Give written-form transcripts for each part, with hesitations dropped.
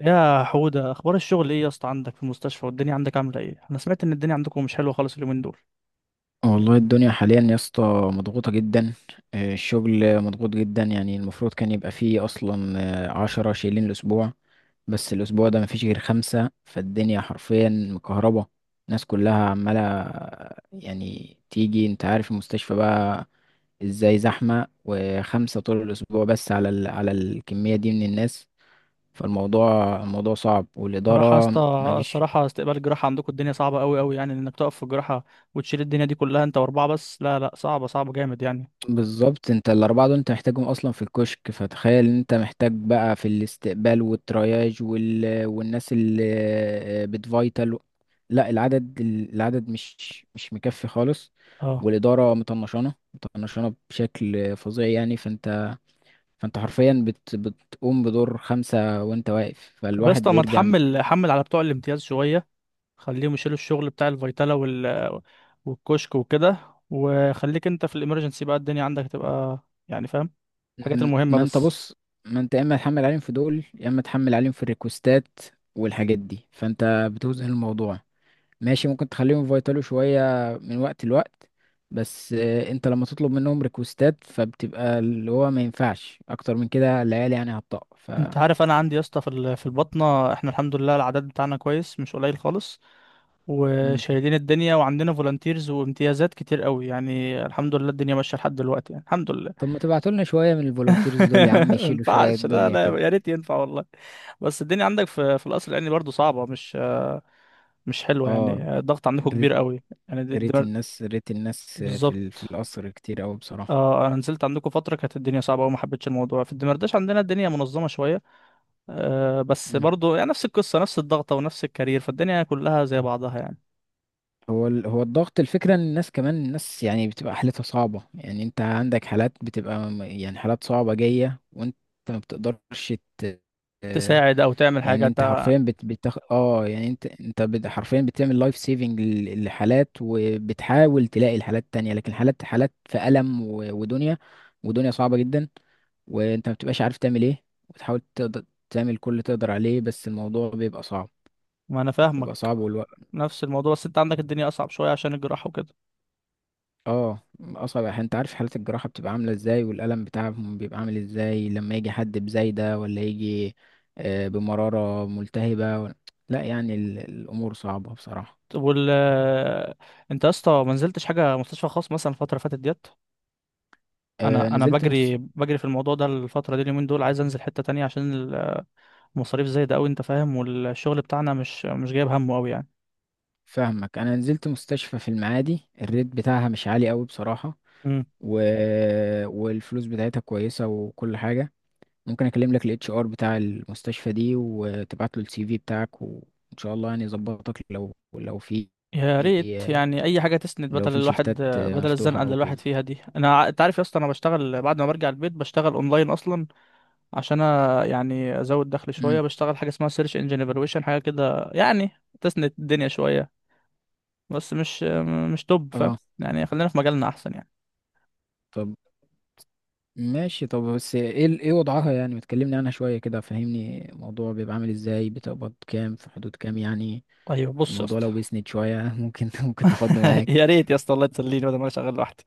يا حودة، اخبار الشغل ايه يا اسطى؟ عندك في المستشفى والدنيا عندك عامله ايه؟ انا سمعت ان الدنيا عندكم مش حلوه خالص اليومين دول. والله الدنيا حاليا يا اسطى مضغوطة جدا. الشغل مضغوط جدا يعني المفروض كان يبقى فيه أصلا 10 شايلين الأسبوع، بس الأسبوع ده مفيش غير خمسة، فالدنيا حرفيا مكهربة. الناس كلها عمالة يعني تيجي، انت عارف المستشفى بقى ازاي زحمة، وخمسة طول الأسبوع بس على الكمية دي من الناس. فالموضوع صعب، صراحه يا والإدارة اسطى، مفيش. الصراحه استقبال الجراحه عندكم الدنيا صعبه قوي قوي، يعني انك تقف في الجراحه وتشيل الدنيا دي كلها انت واربعه بس، لا لا صعبه صعبه جامد يعني. بالظبط، انت الاربعه دول انت محتاجهم اصلا في الكشك، فتخيل ان انت محتاج بقى في الاستقبال والترياج وال... والناس اللي بتفايتال. لا، العدد مش مكفي خالص. اه. والاداره مطنشانه بشكل فظيع، يعني فانت حرفيا بتقوم بدور خمسه وانت واقف، طب يا فالواحد اسطى، ما بيرجع من تحمل الشغل. حمل على بتوع الامتياز شويه، خليهم يشيلوا الشغل بتاع الفيتالا والكشك وكده، وخليك انت في الامرجنسي بقى، الدنيا عندك تبقى يعني فاهم، الحاجات المهمه ما انت بس. بص، ما انت يا اما تحمل عليهم في دول، يا اما تحمل عليهم في الريكوستات والحاجات دي، فانت بتوزن الموضوع. ماشي، ممكن تخليهم يفيتلوا شوية من وقت لوقت، بس انت لما تطلب منهم ريكوستات، فبتبقى اللي هو ما ينفعش اكتر من كده، العيال يعني هتطق انت عارف انا عندي يا اسطى في البطنه، احنا الحمد لله العدد بتاعنا كويس مش قليل خالص، مم. وشايلين الدنيا وعندنا فولunteers وامتيازات كتير قوي، يعني الحمد لله الدنيا ماشيه لحد دلوقتي يعني الحمد لله. طب ما تبعتولنا شوية من الفولunteers دول يا عم ما يشيلوا شوية ينفعش، لا الدنيا لا، كده. يا ريت ينفع والله. بس الدنيا عندك في القصر العيني برضه صعبه، مش حلوه اه، يعني، الضغط عندكم ريت كبير قوي يعني، ريت الدمر. الناس ريت الناس في بالظبط. القصر كتير اوي بصراحة. اه انا نزلت عندكم فتره كانت الدنيا صعبه وما حبيتش الموضوع، في الدمرداش عندنا الدنيا منظمه شويه، بس مم. برضو يعني نفس القصة، نفس الضغطة ونفس الكارير، فالدنيا كلها زي بعضها يعني. هو الضغط، الفكرة ان الناس كمان الناس يعني بتبقى حالتها صعبة، يعني انت عندك حالات بتبقى يعني حالات صعبة جاية، وانت ما بتقدرش ت... تساعد أو تعمل يعني حاجة انت حرفيا بت... بتخ... اه يعني انت انت بت... حرفيا بتعمل لايف سيفنج لحالات، وبتحاول تلاقي الحالات التانية. لكن حالات في ألم و... ودنيا ودنيا صعبة جدا، وانت ما بتبقاش عارف تعمل ايه، وتحاول تقدر تعمل كل اللي تقدر عليه. بس الموضوع بيبقى صعب، ما أنا فاهمك، والوقت. نفس الموضوع بس أنت عندك الدنيا أصعب شوية عشان الجراحة وكده. اه، اصعب احيانا. انت عارف حالة الجراحة بتبقى عاملة ازاي، والألم بتاعهم بيبقى عامل ازاي لما يجي حد بزايدة، ولا يجي بمرارة ملتهبة لا يعني الأمور صعبة بصراحة. طب وال آه، أنت يا اسطى ما نزلتش حاجة مستشفى خاص مثلا الفترة اللي فاتت ديت؟ آه، أنا نزلت بجري مست... بجري في الموضوع ده الفترة دي اليومين دول، عايز أنزل حتة تانية عشان المصاريف زايدة أوي أنت فاهم، والشغل بتاعنا مش جايب همه أوي فاهمك، انا نزلت مستشفى في المعادي، الريت بتاعها مش عالي قوي بصراحة يعني، و... والفلوس بتاعتها كويسة وكل حاجة. ممكن اكلم لك HR بتاع المستشفى دي، وتبعت له CV بتاعك، وان شاء الله يعني يظبطك، لو لو في يا ريت يعني اي حاجه تسند لو بدل في الواحد، شيفتات بدل مفتوحة الزنقه اللي او كده. الواحد فيها دي. انا انت عارف يا اسطى، انا بشتغل بعد ما برجع البيت بشتغل اونلاين اصلا عشان يعني ازود دخل امم. شويه، بشتغل حاجه اسمها سيرش انجن ايفالويشن، حاجه كده يعني تسند الدنيا شويه، بس مش توب فاهم اه، يعني، خلينا في مجالنا احسن يعني. طب ماشي، طب بس ايه ايه وضعها؟ يعني ما تكلمني عنها شوية كده، فهمني الموضوع بيبقى عامل ازاي؟ بتقبض كام؟ في حدود كام يعني ايوه بص يا الموضوع اسطى. لو بيسند شوية؟ ممكن تاخدني يا معاك. ريت يا اسطى الله تسليني بدل ما أنا شغال لوحدي.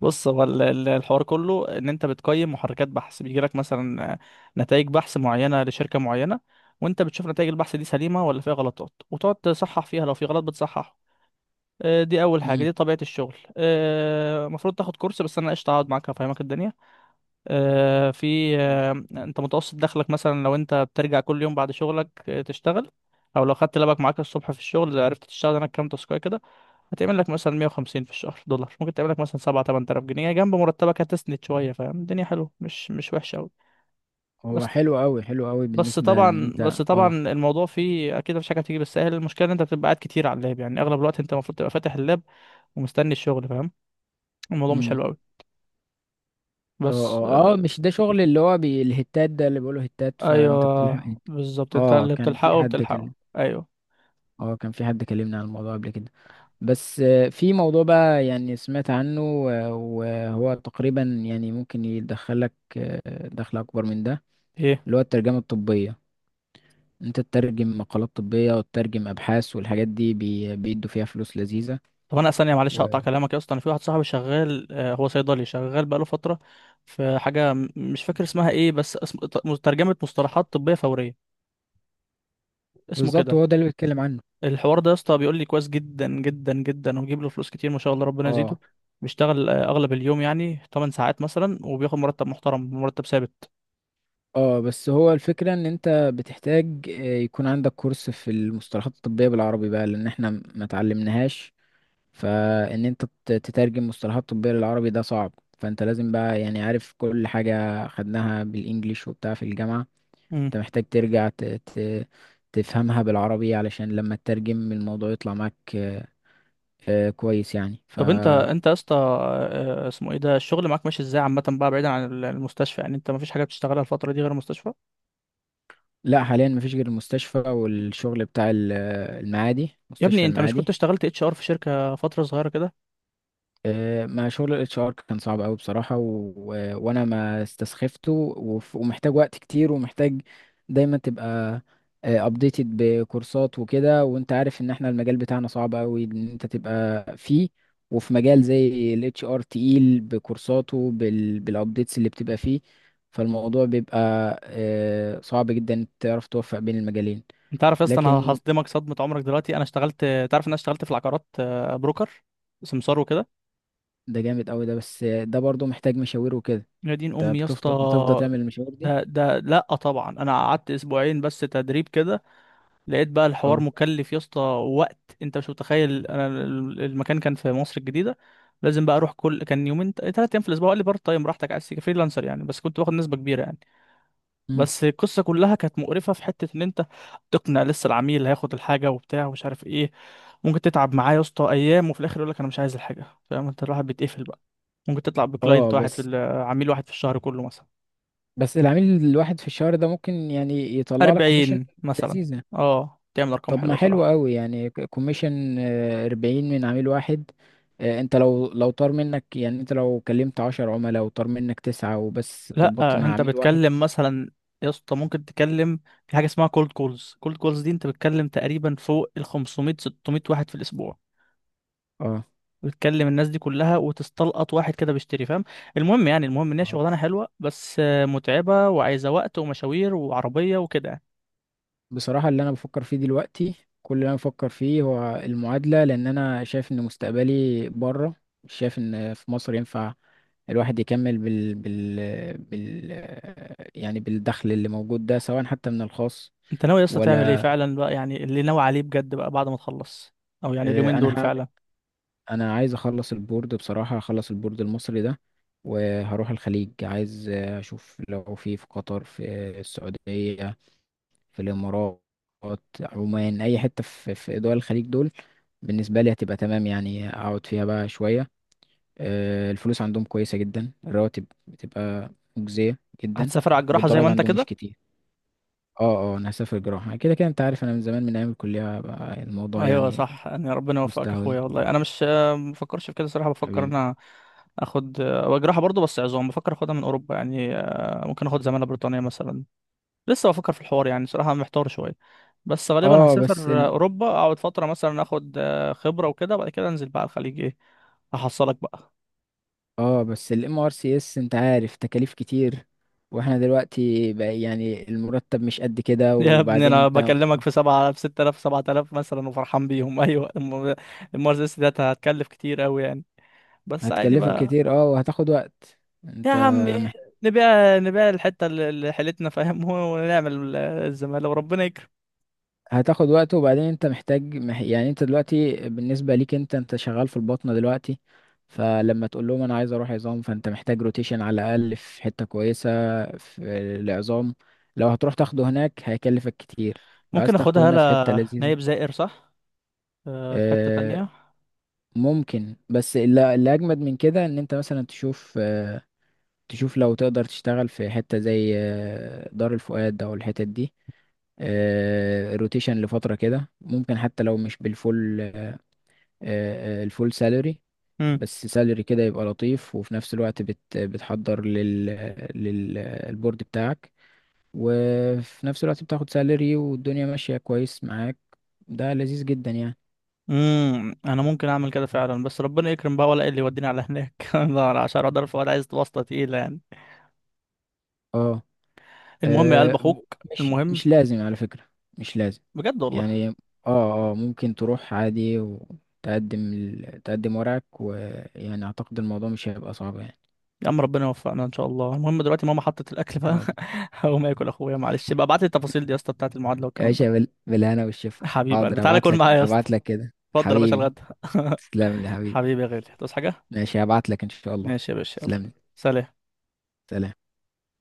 بص، هو الحوار كله ان انت بتقيم محركات بحث، بيجي لك مثلا نتائج بحث معينه لشركه معينه، وانت بتشوف نتائج البحث دي سليمه ولا فيها غلطات، وتقعد تصحح فيها لو في غلط بتصححه. دي اول حاجه، امم، دي طبيعه الشغل. المفروض تاخد كورس بس انا قشطه اقعد معاك افهمك الدنيا. في كويس. انت متوسط دخلك مثلا لو انت بترجع كل يوم بعد شغلك تشتغل، او لو خدت لابك معاك الصبح في الشغل عرفت تشتغل هناك كام تاسكايه كده، هتعمل لك مثلا 150 في الشهر دولار، ممكن تعمل لك مثلا 7 8000 جنيه جنب مرتبك، هتسند شويه فاهم، الدنيا حلوه مش وحشه قوي. هو بس حلو أوي حلو أوي بس بالنسبة لأن طبعا أنت. بس طبعا اه، الموضوع فيه اكيد، مفيش حاجه بتيجي بالسهل، المشكله ان انت بتبقى قاعد كتير على اللاب، يعني اغلب الوقت انت المفروض تبقى فاتح اللاب ومستني الشغل فاهم، الموضوع مش امم. حلو قوي اه بس. اه اه، مش ده شغل اللي هو الهتات ده، اللي بيقولوا هتات، فأنت بتلحق ايوه بالظبط، انت اه اللي كان في بتلحقه حد بتلحقه كلم ايوه. اه كان في حد كلمنا عن الموضوع قبل كده. بس في موضوع بقى يعني سمعت عنه، وهو تقريبا يعني ممكن يدخلك دخل أكبر من ده، ايه؟ اللي هو الترجمة الطبية. أنت تترجم مقالات طبية، وتترجم أبحاث، والحاجات دي بيدوا فيها فلوس لذيذة. طب انا ثانيه معلش هقطع و- كلامك يا اسطى، انا في واحد صاحبي شغال، هو صيدلي شغال بقاله فتره، في حاجه مش فاكر اسمها ايه، بس اسم ترجمه مصطلحات طبيه فوريه اسمه بالظبط، كده. هو ده اللي بيتكلم عنه. الحوار ده يا اسطى بيقول لي كويس جدا جدا جدا، وبيجيب له فلوس كتير ما شاء الله ربنا يزيده، اه بيشتغل اغلب اليوم يعني 8 ساعات مثلا، وبياخد مرتب محترم، مرتب ثابت. اه، بس هو الفكرة ان انت بتحتاج يكون عندك كورس في المصطلحات الطبية بالعربي، بقى لان احنا ما تعلمناهاش. فان انت تترجم مصطلحات طبية للعربي ده صعب، فانت لازم بقى يعني عارف كل حاجة خدناها بالانجليش وبتاع في الجامعة. امم انت محتاج ترجع تفهمها بالعربي، علشان لما تترجم الموضوع يطلع معاك كويس يعني طب انت يا اسطى، اسمه ايه ده الشغل معاك؟ ماشي ازاي عامه بقى بعيدا عن المستشفى؟ يعني انت مفيش حاجه بتشتغلها الفتره دي غير المستشفى؟ لا، حاليا مفيش غير المستشفى، والشغل بتاع المعادي، يا ابني مستشفى انت مش كنت المعادي. اشتغلت اتش ار في شركه فتره صغيره كده؟ ما شغل HR كان صعب قوي بصراحة وانا ما استسخفته، ومحتاج وقت كتير، ومحتاج دايما تبقى ابديتد بكورسات وكده. وانت عارف ان احنا المجال بتاعنا صعب قوي ان انت تبقى فيه، وفي مجال زي HR تقيل بكورساته بالابديتس اللي بتبقى فيه. فالموضوع بيبقى صعب جدا إنك تعرف توفق بين المجالين. انت عارف يا اسطى انا لكن هصدمك صدمه عمرك دلوقتي، انا اشتغلت، تعرف ان انا اشتغلت في العقارات، بروكر، سمسار وكده. ده جامد قوي ده، بس ده برضو محتاج مشاوير وكده، يا دين انت امي يا اسطى. بتفضل تعمل المشاوير دي. ده لا طبعا انا قعدت اسبوعين بس تدريب كده، لقيت بقى الحوار اه، مكلف يا اسطى، وقت انت مش متخيل، انا المكان كان في مصر الجديده، لازم بقى اروح كل كان يومين 3 ايام في الاسبوع، قال لي بارت تايم براحتك عايز تيجي فريلانسر يعني، بس كنت باخد نسبه كبيره يعني. امم، بس القصة كلها كانت مقرفة في حتة إن أنت تقنع لسه العميل اللي هياخد الحاجة وبتاع ومش عارف إيه، ممكن تتعب معاه يا اسطى أيام وفي الآخر يقولك أنا مش عايز الحاجة، فاهم أنت الواحد بيتقفل بقى. ممكن تطلع بكلاينت اه. واحد بس عميل واحد في الشهر كله مثلا، بس العميل الواحد في الشهر ده ممكن يعني يطلع لك كوميشن 40 مثلا. لذيذة. أه تعمل أرقام طب ما حلوة حلو صراحة. قوي يعني كوميشن 40 من عميل واحد. انت لو طار منك، يعني انت لو كلمت 10 عملاء وطار منك 9 وبس ظبطت لأ مع أنت عميل واحد. بتكلم مثلا، يا اسطى ممكن تكلم في حاجة اسمها كولد كولز، كولد كولز دي أنت بتكلم تقريبا فوق ال 500 600 واحد في الأسبوع، اه، وتكلم الناس دي كلها وتستلقط واحد كده بيشتري فاهم. المهم يعني، المهم ان هي شغلانه حلوه بس متعبه وعايزه وقت ومشاوير وعربيه وكده يعني. بصراحة اللي أنا بفكر فيه دلوقتي، كل اللي أنا بفكر فيه هو المعادلة، لأن أنا شايف إن مستقبلي بره، مش شايف إن في مصر ينفع الواحد يكمل يعني بالدخل اللي موجود ده، سواء حتى من الخاص. انت ناوي يا اسطى تعمل ايه ولا فعلا بقى؟ يعني اللي ناوي عليه بجد بقى بعد ما تخلص؟ او يعني اليومين أنا دول هعمل. فعلا؟ أنا عايز أخلص البورد بصراحة، هخلص البورد المصري ده وهروح الخليج. عايز أشوف لو في في قطر، في السعودية، في الإمارات، عمان، أي حتة في في دول الخليج دول، بالنسبة لي هتبقى تمام، يعني أقعد فيها بقى شوية. الفلوس عندهم كويسة جدا، الرواتب بتبقى مجزية جدا، هتسافر على الجراحه زي ما والضرايب انت عندهم مش كده؟ كتير. اه اه، أنا هسافر جراحة كده كده، أنت عارف. أنا من زمان، من أيام الكلية بقى الموضوع ايوه يعني صح، يعني ربنا يوفقك يا مستهوين. اخويا، والله انا مش مفكرش في كده صراحه، بفكر ان حبيبي، انا اخد، هو جراحه برضه بس عظام، بفكر اخدها من اوروبا يعني، ممكن اخد زماله بريطانيه مثلا، لسه بفكر في الحوار يعني صراحه محتار شويه، بس غالبا اه، بس هسافر اوروبا اقعد فتره مثلا اخد خبره وكده، وبعد كده انزل بقى على الخليج، ايه احصلك بقى. اه، بس MRCS انت عارف تكاليف كتير، واحنا دلوقتي بقى يعني المرتب مش قد كده، يا ابني وبعدين انا انت بكلمك في سبعة في 6,000 7,000 مثلا وفرحان بيهم. ايوه المرسيدس ديت هتكلف كتير قوي يعني بس عادي هتكلفك بقى. كتير، اه، وهتاخد وقت. يا انت عم، مح... نبيع نبيع الحتة اللي حيلتنا فاهم. ونعمل الزمالة وربنا يكرم. هتاخد وقت، وبعدين انت محتاج يعني انت دلوقتي بالنسبة ليك، انت شغال في البطنة دلوقتي. فلما تقول لهم انا عايز اروح عظام، فانت محتاج روتيشن على الاقل في حتة كويسة في العظام. لو هتروح تاخده هناك هيكلفك كتير، لو عايز ممكن تاخده اخدها هنا في حتة لا لذيذة. نايب زائر صح، في حتة آه، تانية. ممكن. بس اللي اجمد من كده، ان انت مثلا تشوف لو تقدر تشتغل في حتة زي دار الفؤاد او الحتت دي روتيشن لفترة كده، ممكن حتى لو مش بالفول آه، آه، الفول سالري، بس سالري كده يبقى لطيف، وفي نفس الوقت بتحضر للبورد بتاعك، وفي نفس الوقت بتاخد سالري والدنيا ماشية كويس معاك. ده لذيذ جدا يعني. انا ممكن اعمل كده فعلا بس ربنا يكرم بقى، ولا إيه اللي يوديني على هناك؟ الله عشان اقدر، ولا عايز واسطه تقيله يعني. اه، المهم يا قلب آه، اخوك. مش المهم، مش لازم على فكرة، مش لازم بجد والله. يعني. اه اه، ممكن تروح عادي، وتقدم تقدم ورقك، ويعني اعتقد الموضوع مش هيبقى صعب يعني. يا عم ربنا يوفقنا ان شاء الله. المهم دلوقتي ماما حطت الاكل بقى. آه. هقوم اكل اخويا، معلش بقى ابعت لي التفاصيل دي يا اسطى بتاعت المعادله يا والكلام ده. باشا، بالهنا والشفا. حبيب قلبي حاضر، تعالى كل معايا يا اسطى. هبعت لك كده اتفضل يا باشا حبيبي. الغدا. تسلم لي حبيبي. حبيبي يا غالي تصحى حاجه. ماشي، هبعت لك ان شاء الله. ماشي يا باشا يلا. تسلم لي. سلام. سلام.